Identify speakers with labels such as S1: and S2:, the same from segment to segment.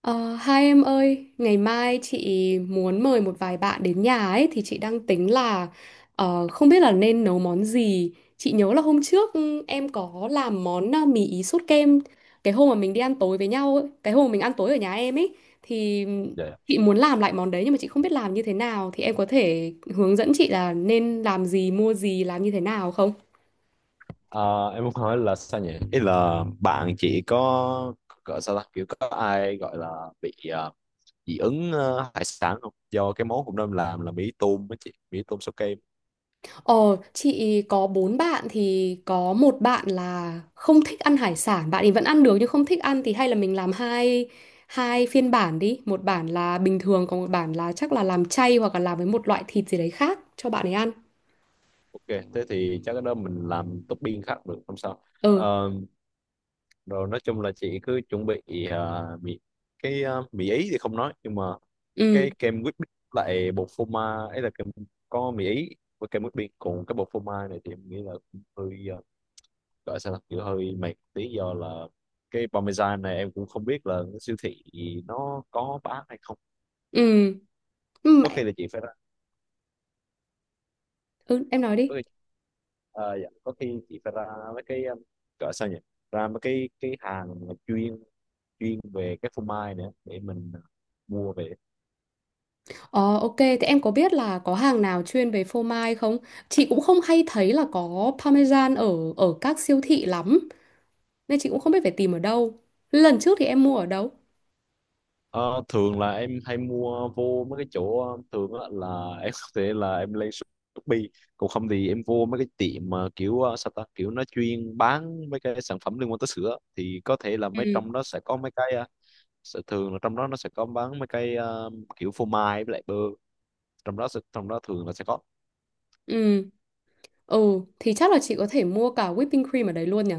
S1: Ờ, Hai em ơi, ngày mai chị muốn mời một vài bạn đến nhà ấy thì chị đang tính là không biết là nên nấu món gì. Chị nhớ là hôm trước em có làm món mì ý sốt kem cái hôm mà mình đi ăn tối với nhau ấy, cái hôm mà mình ăn tối ở nhà em ấy thì
S2: Dạ. Dạ.
S1: chị muốn làm lại món đấy nhưng mà chị không biết làm như thế nào thì em có thể hướng dẫn chị là nên làm gì, mua gì, làm như thế nào không?
S2: Ờ, em muốn hỏi là sao nhỉ? Ý là bạn chị có gọi sao ta kiểu có ai gọi là bị dị ứng hải sản không? Do cái món cũng nên làm là mì tôm với chị, mì tôm sao kem.
S1: Ờ, chị có bốn bạn thì có một bạn là không thích ăn hải sản, bạn ấy vẫn ăn được nhưng không thích ăn thì hay là mình làm hai hai phiên bản đi, một bản là bình thường còn một bản là chắc là làm chay hoặc là làm với một loại thịt gì đấy khác cho bạn ấy ăn.
S2: Ok, thế thì chắc cái đó mình làm topping khác được không sao?
S1: Ừ,
S2: Ờ, Rồi nói chung là chị cứ chuẩn bị mì, cái mì ý thì không nói, nhưng mà
S1: ừ,
S2: cái kem whipped lại bột phô mai ấy là kem, có mì ý với kem whipped. Còn cái bột phô mai này thì em nghĩ là cũng hơi gọi sao ta, kiểu hơi mệt một tí, do là cái parmesan này em cũng không biết là cái siêu thị nó có bán hay không.
S1: ừ, ừ,
S2: có
S1: mẹ-
S2: khi là chị phải ra
S1: ừ, em nói đi.
S2: có khi, dạ, có khi chị phải ra mấy cái gọi sao nhỉ, ra mấy cái hàng mà chuyên chuyên về cái phô mai nữa để mình mua về.
S1: Ờ, ok, thế em có biết là có hàng nào chuyên về phô mai không? Chị cũng không hay thấy là có parmesan ở ở các siêu thị lắm, nên chị cũng không biết phải tìm ở đâu. Lần trước thì em mua ở đâu?
S2: Ờ, Thường là em hay mua vô mấy cái chỗ thường á, là em có thể là em lên Shopee. Còn không thì em vô mấy cái tiệm mà kiểu sao ta, kiểu nó chuyên bán mấy cái sản phẩm liên quan tới sữa, thì có thể là mấy
S1: Ừ.
S2: trong đó sẽ có mấy cái sẽ thường là trong đó nó sẽ có bán mấy cái kiểu phô mai với lại bơ, trong trong đó thường là sẽ có.
S1: Ừ, ừ, thì chắc là chị có thể mua cả whipping cream ở đấy luôn nhỉ?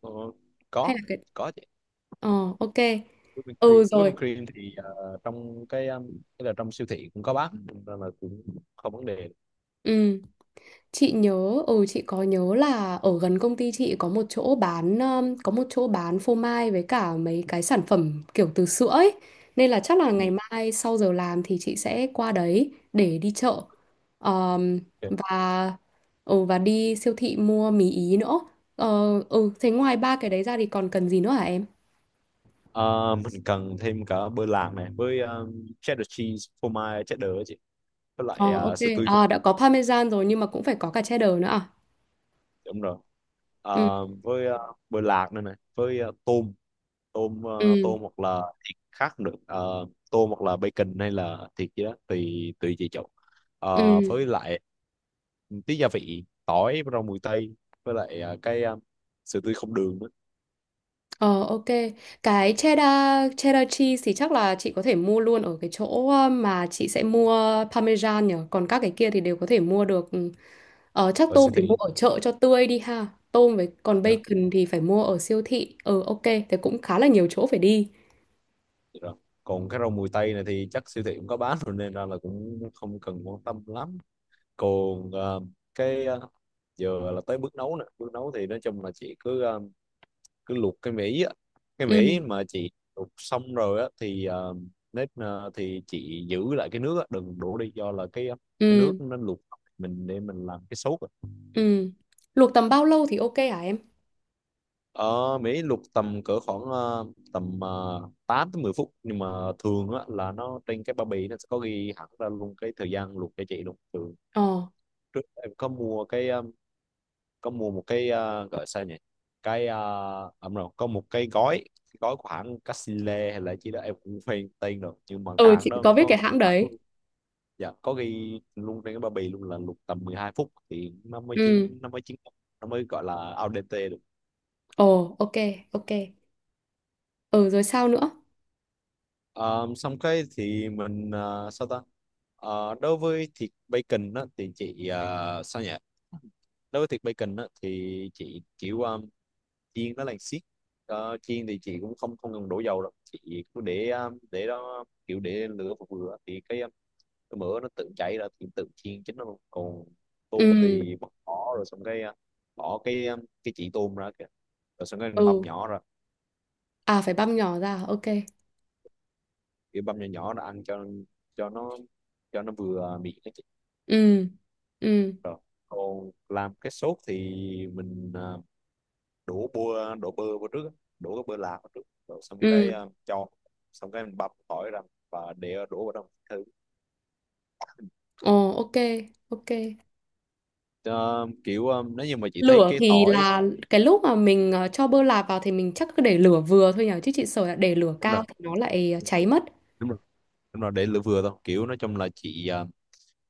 S2: Ờ,
S1: Hay
S2: có
S1: là cái
S2: có chứ.
S1: Ờ, ok.
S2: Whipping cream,
S1: Ừ rồi.
S2: whipping cream thì trong cái là trong siêu thị cũng có bán nên là cũng không vấn đề.
S1: Ừ, chị nhớ chị có nhớ là ở gần công ty chị có một chỗ bán có một chỗ bán phô mai với cả mấy cái sản phẩm kiểu từ sữa ấy. Nên là chắc là ngày
S2: Ừ.
S1: mai sau giờ làm thì chị sẽ qua đấy để đi chợ. Ờm,
S2: Ok.
S1: và Ừ, và đi siêu thị mua mì ý nữa. Ờ ừ, thế ngoài ba cái đấy ra thì còn cần gì nữa hả em?
S2: Ờ, mình cần thêm cả bơ lạc này với cheddar cheese, phô mai cheddar á chị, với lại
S1: Ờ, ok,
S2: sữa tươi không.
S1: à, đã có parmesan rồi nhưng mà cũng phải có cả cheddar nữa à?
S2: Đúng rồi.
S1: Ừ
S2: Với bơ lạc nữa này, với tôm tôm,
S1: ừ
S2: tôm hoặc là thịt khác được. Ờ, Tôm hoặc là bacon hay là thịt gì đó tùy tùy chị chọn.
S1: ừ.
S2: Với lại tí gia vị tỏi, rau mùi tây, với lại sữa tươi không đường nữa.
S1: Ờ ok, cái cheddar cheddar cheese thì chắc là chị có thể mua luôn ở cái chỗ mà chị sẽ mua parmesan nhỉ, còn các cái kia thì đều có thể mua được. Ừ. Ờ, chắc
S2: Ở
S1: tôm
S2: siêu
S1: thì mua
S2: thị.
S1: ở chợ cho tươi đi ha. Tôm với còn
S2: Dạ,
S1: bacon thì phải mua ở siêu thị. Ừ, ok, thế cũng khá là nhiều chỗ phải đi.
S2: vậy rồi. Còn cái rau mùi tây này thì chắc siêu thị cũng có bán rồi, nên ra là cũng không cần quan tâm lắm. Còn cái ờ, giờ là tới bước nấu nè. Bước nấu thì nói chung là chị cứ luộc cái mỹ á. Cái mỹ
S1: Ừ
S2: mà chị luộc xong rồi á thì thì chị giữ lại cái nước á, đừng đổ đi, do là cái
S1: ừ
S2: nước nó luộc, mình để mình làm cái sốt á.
S1: ừ. Luộc tầm bao lâu thì ok hả em?
S2: Ờ, Mỹ luộc tầm cỡ khoảng tầm 8 tới 10 phút, nhưng mà thường á, là nó trên cái bao bì nó sẽ có ghi hẳn ra luôn cái thời gian luộc cho chị luôn. Thường
S1: Ờ.
S2: trước em có mua một cái gọi sao nhỉ, cái ẩm rồi, có một cái gói của hãng Casile hay là chỉ đó em cũng quên tên rồi, nhưng mà cái
S1: Ừ,
S2: hãng
S1: chị
S2: đó
S1: có biết cái hãng
S2: hãng
S1: đấy.
S2: luôn- dạ có ghi luôn trên cái bao bì luôn là luộc tầm 12 phút thì nó mới
S1: Ừ.
S2: chín, nó mới gọi là al dente được.
S1: Ồ, ok. Ừ, rồi sao nữa?
S2: Ờ, Xong cái thì mình sao ta. Đối với thịt bacon đó, thì chị sao nhỉ, đối với thịt bacon á, thì chị kiểu chiên nó là xiết. Chiên thì chị cũng không không cần đổ dầu đâu, chị cứ để đó, kiểu để lửa vừa vừa thì cái mỡ nó tự chảy ra, thì tự chiên chính nó luôn. Còn tôm
S1: Ừ,
S2: thì bỏ, rồi xong cái bỏ cái chỉ tôm ra kìa, rồi xong cái mình băm
S1: ừ.
S2: nhỏ ra,
S1: À, phải băm nhỏ ra, ok.
S2: kiểu băm nhỏ nhỏ ra ăn cho nó vừa miệng cái chị.
S1: Ừ, ừ,
S2: Rồi còn làm cái sốt thì mình đổ bơ vào trước á, đổ cái bơ lạc vào trước, rồi xong
S1: ừ.
S2: cái ờ, cho xong cái mình băm tỏi ra và để đổ vào trong thử.
S1: Ồ, ok.
S2: Ờ, Kiểu nếu như mà chị thấy
S1: Lửa
S2: cái
S1: thì
S2: tỏi
S1: là cái lúc mà mình cho bơ lạc vào thì mình chắc cứ để lửa vừa thôi nhỉ? Chứ chị sợ là để lửa
S2: đúng
S1: cao
S2: rồi,
S1: thì nó lại cháy mất.
S2: đúng rồi đúng rồi, để lửa vừa thôi. Kiểu nói chung là chị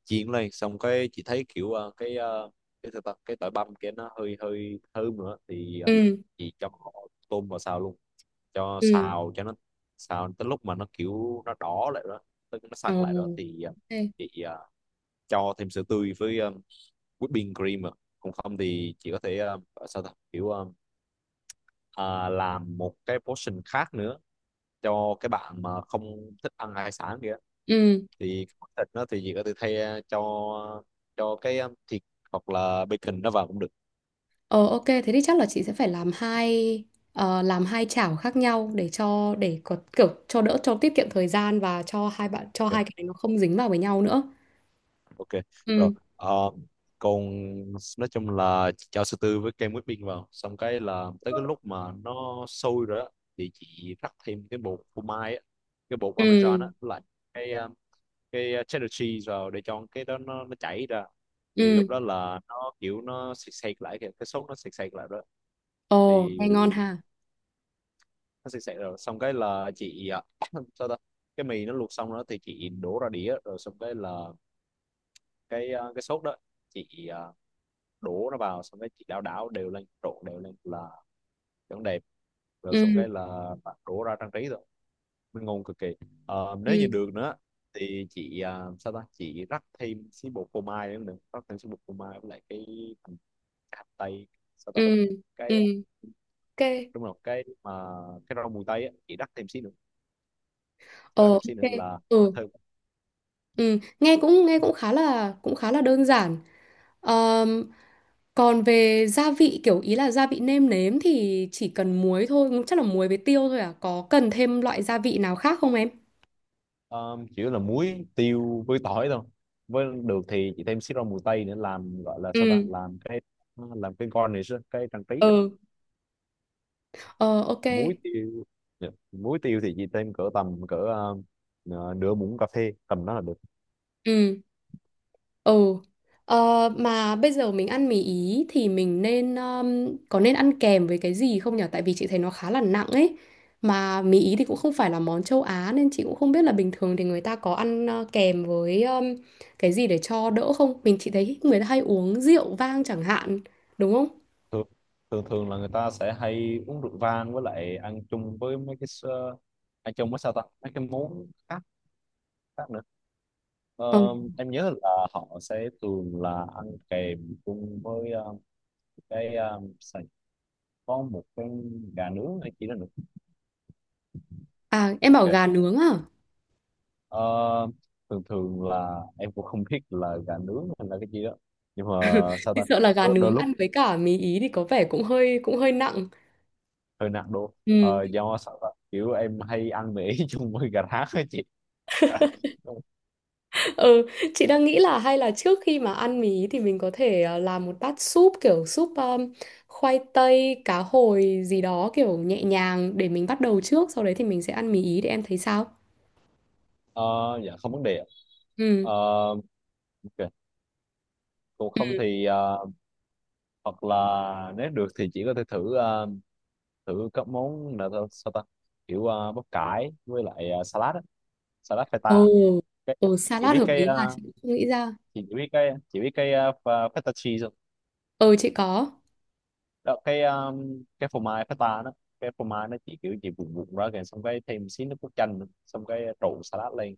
S2: chiên lên, xong cái chị thấy kiểu cái sao ta? Cái tỏi băm kia nó hơi hơi thơm nữa thì
S1: Ừ,
S2: chị cho tôm vào xào luôn, cho
S1: ừ.
S2: xào cho nó xào tới lúc mà nó kiểu nó đỏ lại đó, tức nó
S1: Ồ,
S2: săn lại đó, thì
S1: ok.
S2: chị cho thêm sữa tươi với whipping cream à. Còn không thì chị có thể sao ta kiểu ờ, làm một cái portion khác nữa cho cái bạn mà không thích ăn hải sản kìa.
S1: Ừ.
S2: Thì cái món thịt nó, thì chị có thể thay cho thịt hoặc là bacon nó vào cũng được.
S1: Ờ, ok, thế thì chắc là chị sẽ phải làm làm hai chảo khác nhau để cho để có kiểu cho đỡ cho tiết kiệm thời gian và cho
S2: Ok.
S1: hai cái này nó không dính vào với nhau nữa.
S2: Ok rồi.
S1: Ừ.
S2: Ờ, Còn nói chung là chị cho sư tư với kem whipping vào, xong cái là tới cái lúc mà nó sôi rồi á, thì chị rắc thêm cái bột phô mai á, cái bột
S1: Ừ.
S2: parmesan á, với lại cái ờ, cái cheddar cheese vào để cho cái đó nó chảy ra, thì
S1: Ừ.
S2: lúc đó là nó kiểu nó sệt sệt lại kìa, cái sốt nó sệt sệt lại đó.
S1: Ồ,
S2: Thì
S1: nghe ngon ha.
S2: nó sệt sệt rồi, xong cái là chị sao ta, cái mì nó luộc xong đó thì chị đổ ra đĩa, rồi xong cái là cái sốt đó chị đổ nó vào, xong cái chị đảo đảo đều lên, trộn đều lên là vẫn đẹp. Rồi
S1: Ừ.
S2: xong cái là bạn đổ ra trang trí rồi, mình ngon cực kỳ. Nếu như
S1: Ừ.
S2: được nữa thì chị sao ta, chị rắc thêm xí bột phô mai nữa, nữa. Rắc thêm xí bột phô mai với lại hành cái hành tây, sao ta,
S1: Ừ. Ừ.
S2: cái
S1: Ok.
S2: đúng rồi, cái rau mùi tây á, chị
S1: Ờ,
S2: rắc
S1: ok.
S2: thêm xí nữa là
S1: Ừ.
S2: thơm.
S1: Ừ, nghe cũng khá là đơn giản. Ờm, Còn về gia vị ý là gia vị nêm nếm thì chỉ cần muối thôi, chắc là muối với tiêu thôi à. Có cần thêm loại gia vị nào khác không em?
S2: Ờ, Chủ yếu là muối tiêu với tỏi thôi, với được thì chị thêm xí rau mùi tây nữa, làm gọi là sao ta,
S1: Ừ,
S2: làm cái garnish á, cái trang trí.
S1: ừ, ờ, ok.
S2: Muối tiêu, dạ. Muối tiêu thì chị thêm cỡ tầm cỡ nửa muỗng cà phê, tầm đó là được.
S1: Ừ. Ừ. Ờ, mà bây giờ mình ăn mì Ý thì mình nên có nên ăn kèm với cái gì không nhở? Tại vì chị thấy nó khá là nặng ấy. Mà mì Ý thì cũng không phải là món châu Á nên chị cũng không biết là bình thường thì người ta có ăn kèm với cái gì để cho đỡ không? Chị thấy người ta hay uống rượu vang chẳng hạn, đúng không?
S2: thường, Thường thường là người ta sẽ hay uống rượu vang, với lại ăn chung với ăn chung với sao ta mấy cái món khác khác nữa. Ờ,
S1: Ờ.
S2: em nhớ là họ sẽ thường là ăn kèm chung với ờ, cái có một cái gà nướng hay chỉ là nướng.
S1: À, em bảo gà
S2: Ok.
S1: nướng à?
S2: Ờ, Thường thường là em cũng không biết là gà nướng hay là cái gì đó, nhưng mà sao
S1: Chị
S2: ta
S1: sợ là gà
S2: đôi
S1: nướng
S2: lúc
S1: ăn với cả mì Ý thì có vẻ cũng hơi nặng.
S2: hơi nặng đô.
S1: Ừ.
S2: Ờ, Do sao ta kiểu em hay ăn mì chung với gà rán ấy chị.
S1: Ừ, chị đang nghĩ là hay là trước khi mà ăn mì thì mình có thể làm một bát súp kiểu súp khoai tây, cá hồi gì đó kiểu nhẹ nhàng để mình bắt đầu trước, sau đấy thì mình sẽ ăn mì ý để em thấy sao.
S2: Ờ, dạ không vấn đề ạ.
S1: Ừ.
S2: Ờ, ok. Còn không thì hoặc là nếu được thì chỉ có thể thử thử các món là sao ta, kiểu bắp cải với lại salad
S1: Ừ.
S2: feta, cái,
S1: Ừ,
S2: chị
S1: salad
S2: biết
S1: hợp lý là chị cũng không nghĩ ra.
S2: chị chỉ biết cái feta cheese không
S1: Ừ, chị có.
S2: đó, cái phô mai feta đó, cái phô mai nó chỉ kiểu chỉ vụn vụn ra kìa, xong cái thêm xí nước cốt chanh nữa. Xong cái trộn salad lên,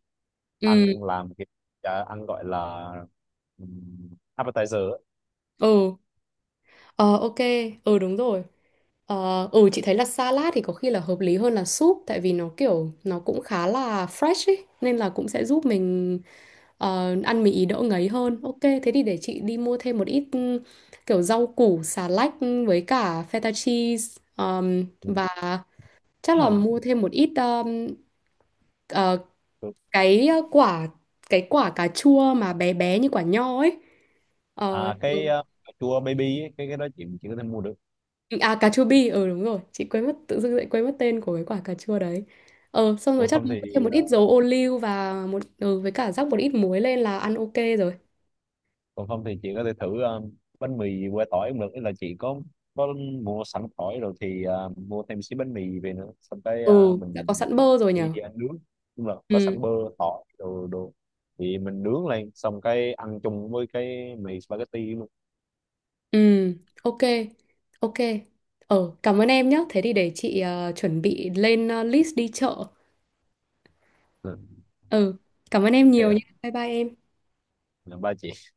S1: Ừ.
S2: ăn làm cái ăn gọi là um, appetizer á.
S1: Ừ. Ờ, ok. Ừ, đúng rồi. Chị thấy là salad thì có khi là hợp lý hơn là súp tại vì nó kiểu nó cũng khá là fresh ấy nên là cũng sẽ giúp mình ăn mì ý đỡ ngấy hơn. Ok, thế thì để chị đi mua thêm một ít kiểu rau củ, xà lách với cả feta cheese,
S2: Ừ.
S1: và chắc là
S2: Hả?
S1: mua thêm một ít ờ,
S2: Được.
S1: cái quả cái quả cà chua mà bé bé như quả nho ấy. Ờ, ừ,
S2: Cà chua baby ấy, cái đó chị chỉ có thể mua được.
S1: À, cà chua bi, ừ đúng rồi. Chị quên mất, tự dưng lại quên mất tên của cái quả cà chua đấy. Ờ, xong rồi
S2: còn
S1: chắc là
S2: không thì
S1: mua thêm một ít dầu ô liu. Và một với cả rắc một ít muối lên là ăn ok rồi.
S2: Còn không thì chị có thể thử bánh mì que tỏi cũng được. Ý là chị có mua sẵn tỏi rồi, thì mua thêm xí bánh mì về nữa, xong cái
S1: Ừ. Đã có
S2: mình
S1: sẵn bơ rồi
S2: đi
S1: nhở?
S2: ăn nướng, nhưng mà có
S1: Ừ,
S2: sẵn bơ tỏi đồ đồ thì mình nướng lên, xong cái ăn chung với cái mì spaghetti luôn.
S1: ừ, ok, ok. Ờ, cảm ơn em nhé. Thế thì để chị chuẩn bị lên list đi chợ.
S2: Ừ.
S1: Ừ, cảm ơn em
S2: Ok
S1: nhiều nhé.
S2: ạ.
S1: Bye bye em.
S2: Là ba chị.